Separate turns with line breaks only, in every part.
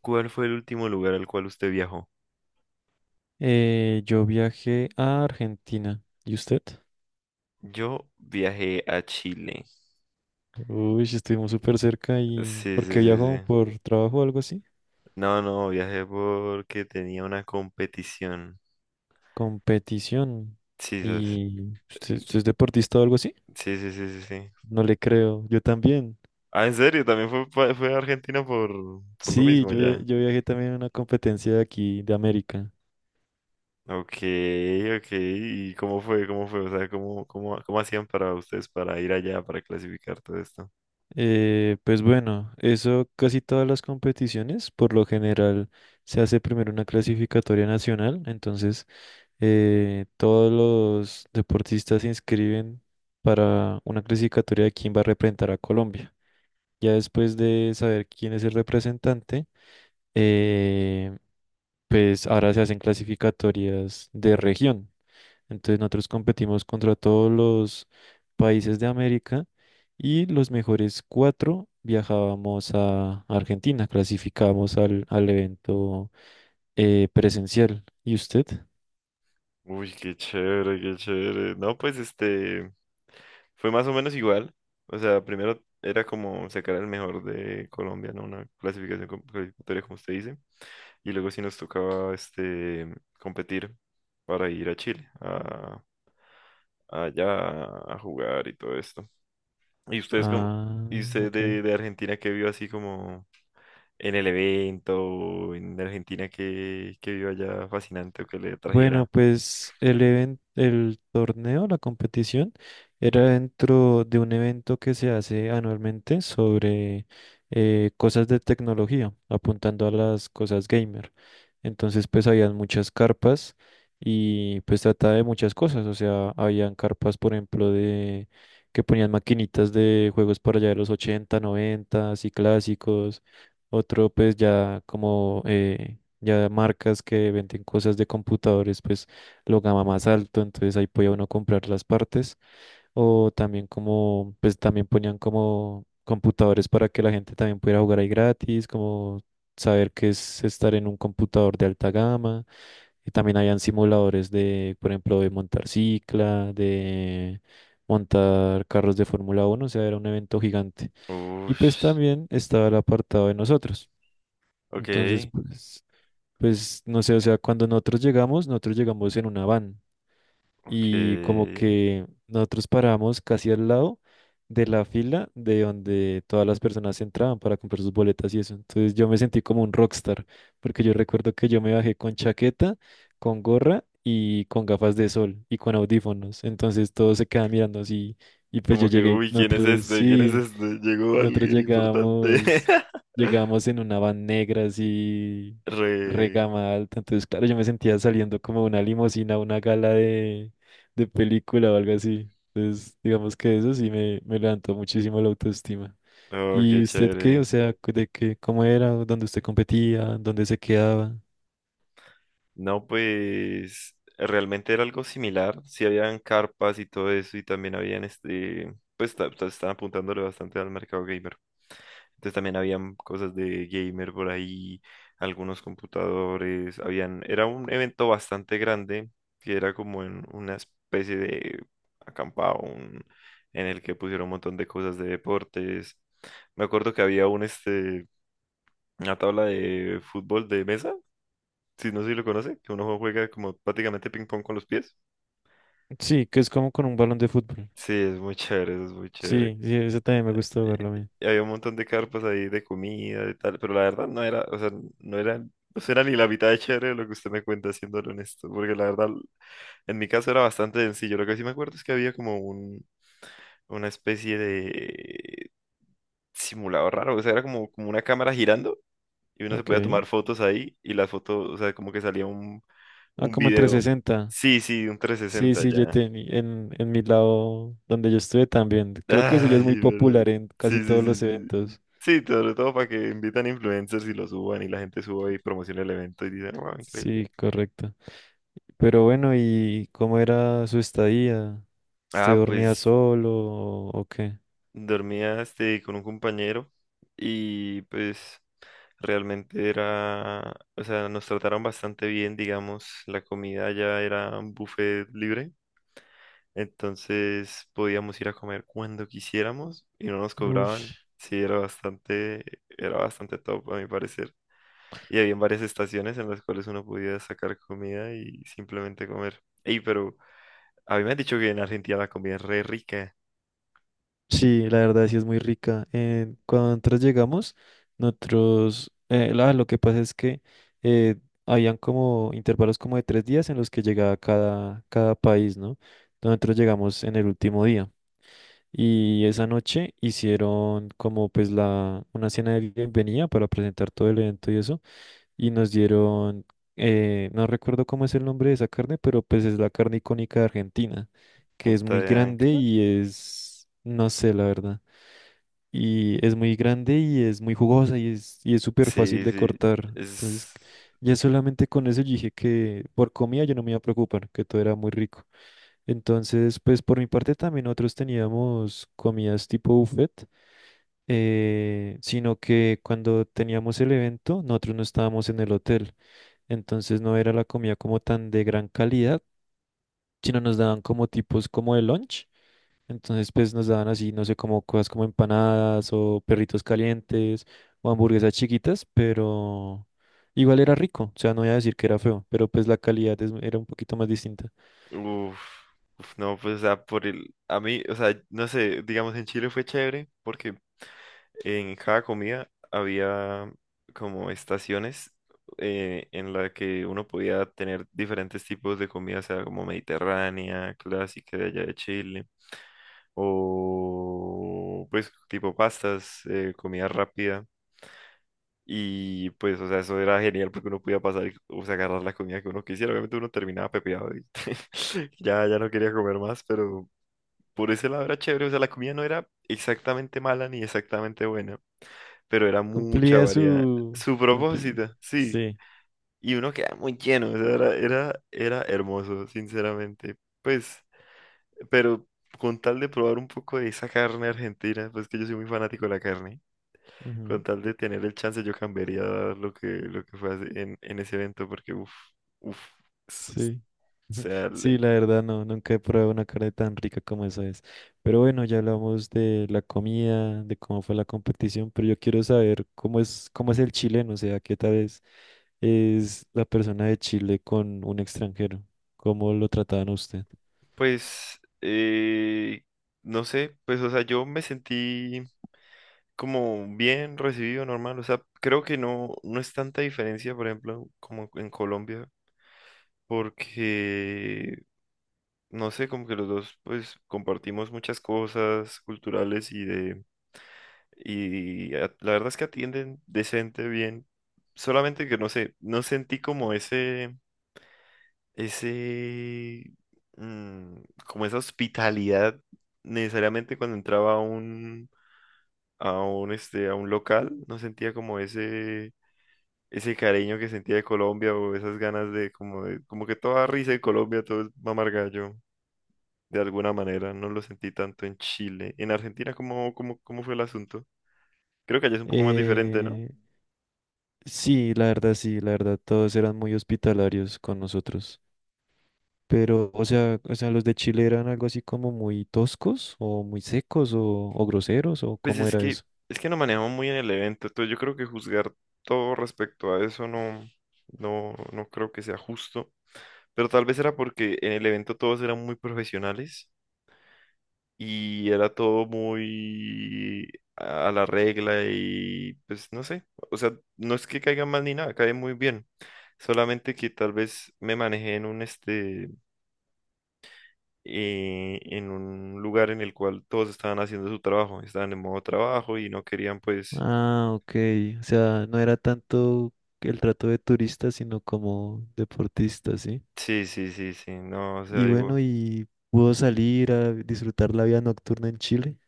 ¿Cuál fue el último lugar al cual usted viajó?
Yo viajé a Argentina. ¿Y usted?
Yo viajé a Chile.
Uy, sí, estuvimos súper cerca y
Sí,
¿por
sí,
qué
sí,
viajó?
sí.
¿Por trabajo o algo así?
No, no, viajé porque tenía una competición.
Competición.
Sí, sas.
¿Y usted es deportista o algo así?
Sí, sí, sí, sí, sí.
No le creo. Yo también.
Ah, ¿en serio? También fue, fue a Argentina por lo
Sí,
mismo
yo, via-
ya.
yo viajé también a una competencia de aquí, de América.
Ok, ok. ¿Y cómo fue? ¿Cómo fue? O sea, ¿cómo, cómo hacían para ustedes para ir allá, para clasificar todo esto?
Pues bueno, eso casi todas las competiciones, por lo general, se hace primero una clasificatoria nacional. Entonces todos los deportistas se inscriben para una clasificatoria de quién va a representar a Colombia. Ya después de saber quién es el representante, eh, pues ahora se hacen clasificatorias de región. Entonces nosotros competimos contra todos los países de América y los mejores cuatro viajábamos a Argentina, clasificábamos al evento presencial. ¿Y usted?
Uy, qué chévere, qué chévere. No, pues fue más o menos igual. O sea, primero era como sacar el mejor de Colombia, ¿no? Una clasificatoria, como usted dice. Y luego sí nos tocaba competir para ir a Chile, a, allá a jugar y todo esto. ¿Y
Ah,
usted
ok.
de Argentina que vio así como en el evento, en Argentina que vio allá fascinante o que le
Bueno,
trajera?
pues el evento, el torneo, la competición, era dentro de un evento que se hace anualmente sobre cosas de tecnología, apuntando a las cosas gamer. Entonces, pues habían muchas carpas y pues trataba de muchas cosas. O sea, habían carpas, por ejemplo, de que ponían maquinitas de juegos para allá de los 80, 90, y clásicos. Otro, pues ya como ya marcas que venden cosas de computadores, pues lo gama más alto. Entonces ahí podía uno comprar las partes. O también como, pues también ponían como computadores para que la gente también pudiera jugar ahí gratis, como saber qué es estar en un computador de alta gama. Y también habían simuladores de, por ejemplo, de montar cicla, de montar carros de Fórmula 1. O sea, era un evento gigante. Y
Uy,
pues también estaba el apartado de nosotros. Entonces,
ok.
pues, no sé, o sea, cuando nosotros llegamos en una van
Ok.
y como que nosotros paramos casi al lado de la fila de donde todas las personas entraban para comprar sus boletas y eso. Entonces yo me sentí como un rockstar, porque yo recuerdo que yo me bajé con chaqueta, con gorra y con gafas de sol y con audífonos. Entonces todos se quedan mirando así y pues yo
Como que,
llegué,
uy, ¿quién es
nosotros
este? ¿Quién es
sí.
este? Llegó
Nosotros
alguien importante.
llegamos llegamos en una van negra así,
Re.
regama alta. Entonces, claro, yo me sentía saliendo como de una limusina, a una gala de película o algo así. Entonces, digamos que eso sí me levantó muchísimo la autoestima.
Oh,
¿Y
qué
usted qué? O
chévere.
sea, de qué, cómo era, dónde usted competía, dónde se quedaba.
No, pues realmente era algo similar. Sí habían carpas y todo eso y también habían estaban apuntándole bastante al mercado gamer. Entonces también habían cosas de gamer por ahí, algunos computadores, habían, era un evento bastante grande que era como en una especie de acampado, en el que pusieron un montón de cosas de deportes. Me acuerdo que había un este una tabla de fútbol de mesa, si no sé si lo conoce, que uno juega como prácticamente ping pong con los pies.
Sí, que es como con un balón de fútbol.
Sí, es muy chévere, es muy chévere.
Sí, sí, eso también me gustó
y
verlo a mí.
y había un montón de carpas ahí de comida y tal, pero la verdad no era, o sea, no era, no era ni la mitad de chévere de lo que usted me cuenta, siendo honesto, porque la verdad, en mi caso era bastante sencillo. Lo que sí me acuerdo es que había una especie de simulador raro, o sea, era como, como una cámara girando y uno se podía
Ok.
tomar fotos ahí y las fotos, o sea, como que salía
Ah,
un
como en trescientos
video.
sesenta
Sí, sí, un trescientos
Sí,
sesenta
sí, yo
ya.
tení, en, en mi lado donde yo estuve también. Creo que eso ya es
Ay,
muy
pero...
popular en casi
Sí, sí,
todos
sí,
los
sí.
eventos.
Sí, sobre todo para que invitan influencers y lo suban y la gente suba y promociona el evento y dicen, wow, increíble.
Sí, correcto. Pero bueno, ¿y cómo era su estadía? ¿Usted
Ah,
dormía
pues
solo o qué?
dormía con un compañero y pues realmente era, o sea, nos trataron bastante bien, digamos, la comida ya era un buffet libre, entonces podíamos ir a comer cuando quisiéramos y no nos
Ush.
cobraban. Sí, era bastante top a mi parecer. Y había varias estaciones en las cuales uno podía sacar comida y simplemente comer. Ey, pero a mí me han dicho que en Argentina la comida es re rica.
Sí, la verdad sí es muy rica. Cuando nosotros llegamos, nosotros, lo que pasa es que eh, habían como intervalos como de 3 días en los que llegaba cada país, ¿no? Nosotros llegamos en el último día. Y esa noche hicieron como pues una cena de bienvenida para presentar todo el evento y eso. Y nos dieron, no recuerdo cómo es el nombre de esa carne, pero pues es la carne icónica de Argentina, que es
Punta
muy
de
grande
Anca.
y es, no sé la verdad. Y es muy grande y es muy jugosa y es súper fácil
Sí,
de
sí.
cortar. Entonces
Es...
ya solamente con eso yo dije que por comida yo no me iba a preocupar, que todo era muy rico. Entonces, pues por mi parte también nosotros teníamos comidas tipo buffet, sino que cuando teníamos el evento, nosotros no estábamos en el hotel. Entonces no era la comida como tan de gran calidad, sino nos daban como tipos como de lunch. Entonces pues nos daban así, no sé, como cosas como empanadas o perritos calientes o hamburguesas chiquitas, pero igual era rico. O sea, no voy a decir que era feo, pero pues la calidad era un poquito más distinta.
Uf, uf, no, pues, o sea, por el... A mí, o sea, no sé, digamos, en Chile fue chévere porque en cada comida había como estaciones en la que uno podía tener diferentes tipos de comida, o sea, como mediterránea, clásica de allá de Chile o pues tipo pastas, comida rápida. Y pues, o sea, eso era genial porque uno podía pasar y o sea, agarrar la comida que uno quisiera. Obviamente uno terminaba pepeado y ya, ya no quería comer más, pero por ese lado era chévere. O sea, la comida no era exactamente mala ni exactamente buena, pero era mucha
Cumplía
variedad.
su...
Su
cumpli-
propósito, sí.
Sí.
Y uno queda muy lleno, o sea, era, era, era hermoso, sinceramente. Pues Pero con tal de probar un poco de esa carne argentina, pues que yo soy muy fanático de la carne, con
Ujú,
tal de tener el chance yo cambiaría lo que en ese evento, porque uff, uff, o
sí.
sea,
Sí, la verdad no, nunca he probado una carne tan rica como esa es. Pero bueno, ya hablamos de la comida, de cómo fue la competición, pero yo quiero saber cómo es el chileno, o sea, qué tal es, la persona de Chile con un extranjero, cómo lo trataban a usted.
pues, no sé, pues, o sea, yo me sentí como bien recibido, normal, o sea, creo que no, no es tanta diferencia, por ejemplo, como en Colombia, porque no sé, como que los dos pues compartimos muchas cosas culturales y de la verdad es que atienden decente, bien. Solamente que no sé, no sentí como ese, ese, mm, como esa hospitalidad necesariamente cuando entraba a un, a un local, no sentía como ese cariño que sentía de Colombia o esas ganas de, como que toda risa de Colombia, todo es mamar gallo, de alguna manera. No lo sentí tanto en Chile. En Argentina, ¿cómo, cómo fue el asunto? Creo que allá es un poco más diferente, ¿no?
Eh, sí, la verdad sí, la verdad todos eran muy hospitalarios con nosotros. Pero, o sea, los de Chile eran algo así como muy toscos o muy secos o groseros o
Pues
cómo era eso.
es que no manejamos muy en el evento, entonces yo creo que juzgar todo respecto a eso no, no creo que sea justo. Pero tal vez era porque en el evento todos eran muy profesionales y era todo muy a la regla y pues no sé. O sea, no es que caiga mal ni nada, cae muy bien. Solamente que tal vez me manejé en un este en un lugar en el cual todos estaban haciendo su trabajo, estaban en modo trabajo y no querían pues
Ah, ok. O sea, no era tanto el trato de turista, sino como deportista, ¿sí?
Sí, sí, sí, sí, no, o sea,
Y bueno,
digo,
¿y pudo salir a disfrutar la vida nocturna en Chile?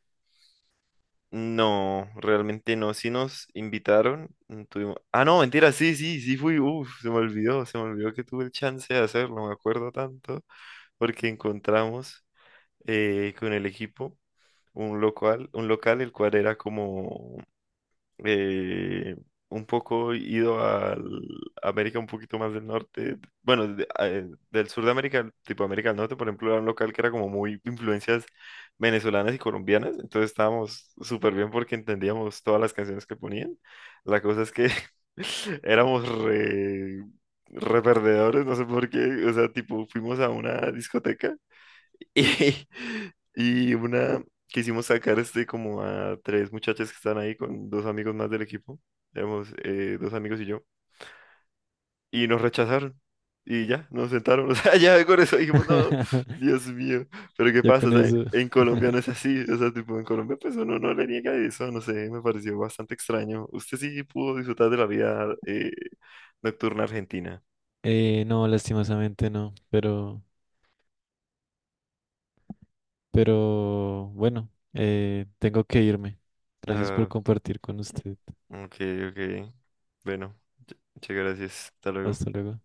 no, realmente no, sí nos invitaron, tuvimos, ah, no, mentira, sí, sí, sí fui, uff, se me olvidó que tuve el chance de hacerlo, me acuerdo tanto, porque encontramos con el equipo un local el cual era como eh, un poco ido al América un poquito más del norte, bueno, del sur de América, tipo América del Norte, por ejemplo, era un local que era como muy influencias venezolanas y colombianas, entonces estábamos súper bien porque entendíamos todas las canciones que ponían. La cosa es que éramos re perdedores, no sé por qué, o sea, tipo, fuimos a una discoteca. Y, y una quisimos sacar este como a 3 muchachas que están ahí con 2 amigos más del equipo, éramos 2 amigos y yo, y nos rechazaron. Y ya, nos sentaron, o sea, ya con eso dijimos, no, Dios mío, pero ¿qué
Ya
pasa? O
con
sea,
eso.
en Colombia no es así, o sea, tipo, en Colombia pues uno no le niega eso, no sé, me pareció bastante extraño. Usted sí pudo disfrutar de la vida nocturna argentina.
No, lastimosamente no, pero, bueno, tengo que irme. Gracias por
Ah,
compartir con usted.
ok, ok, bueno, muchas gracias, hasta
Hasta
luego.
luego.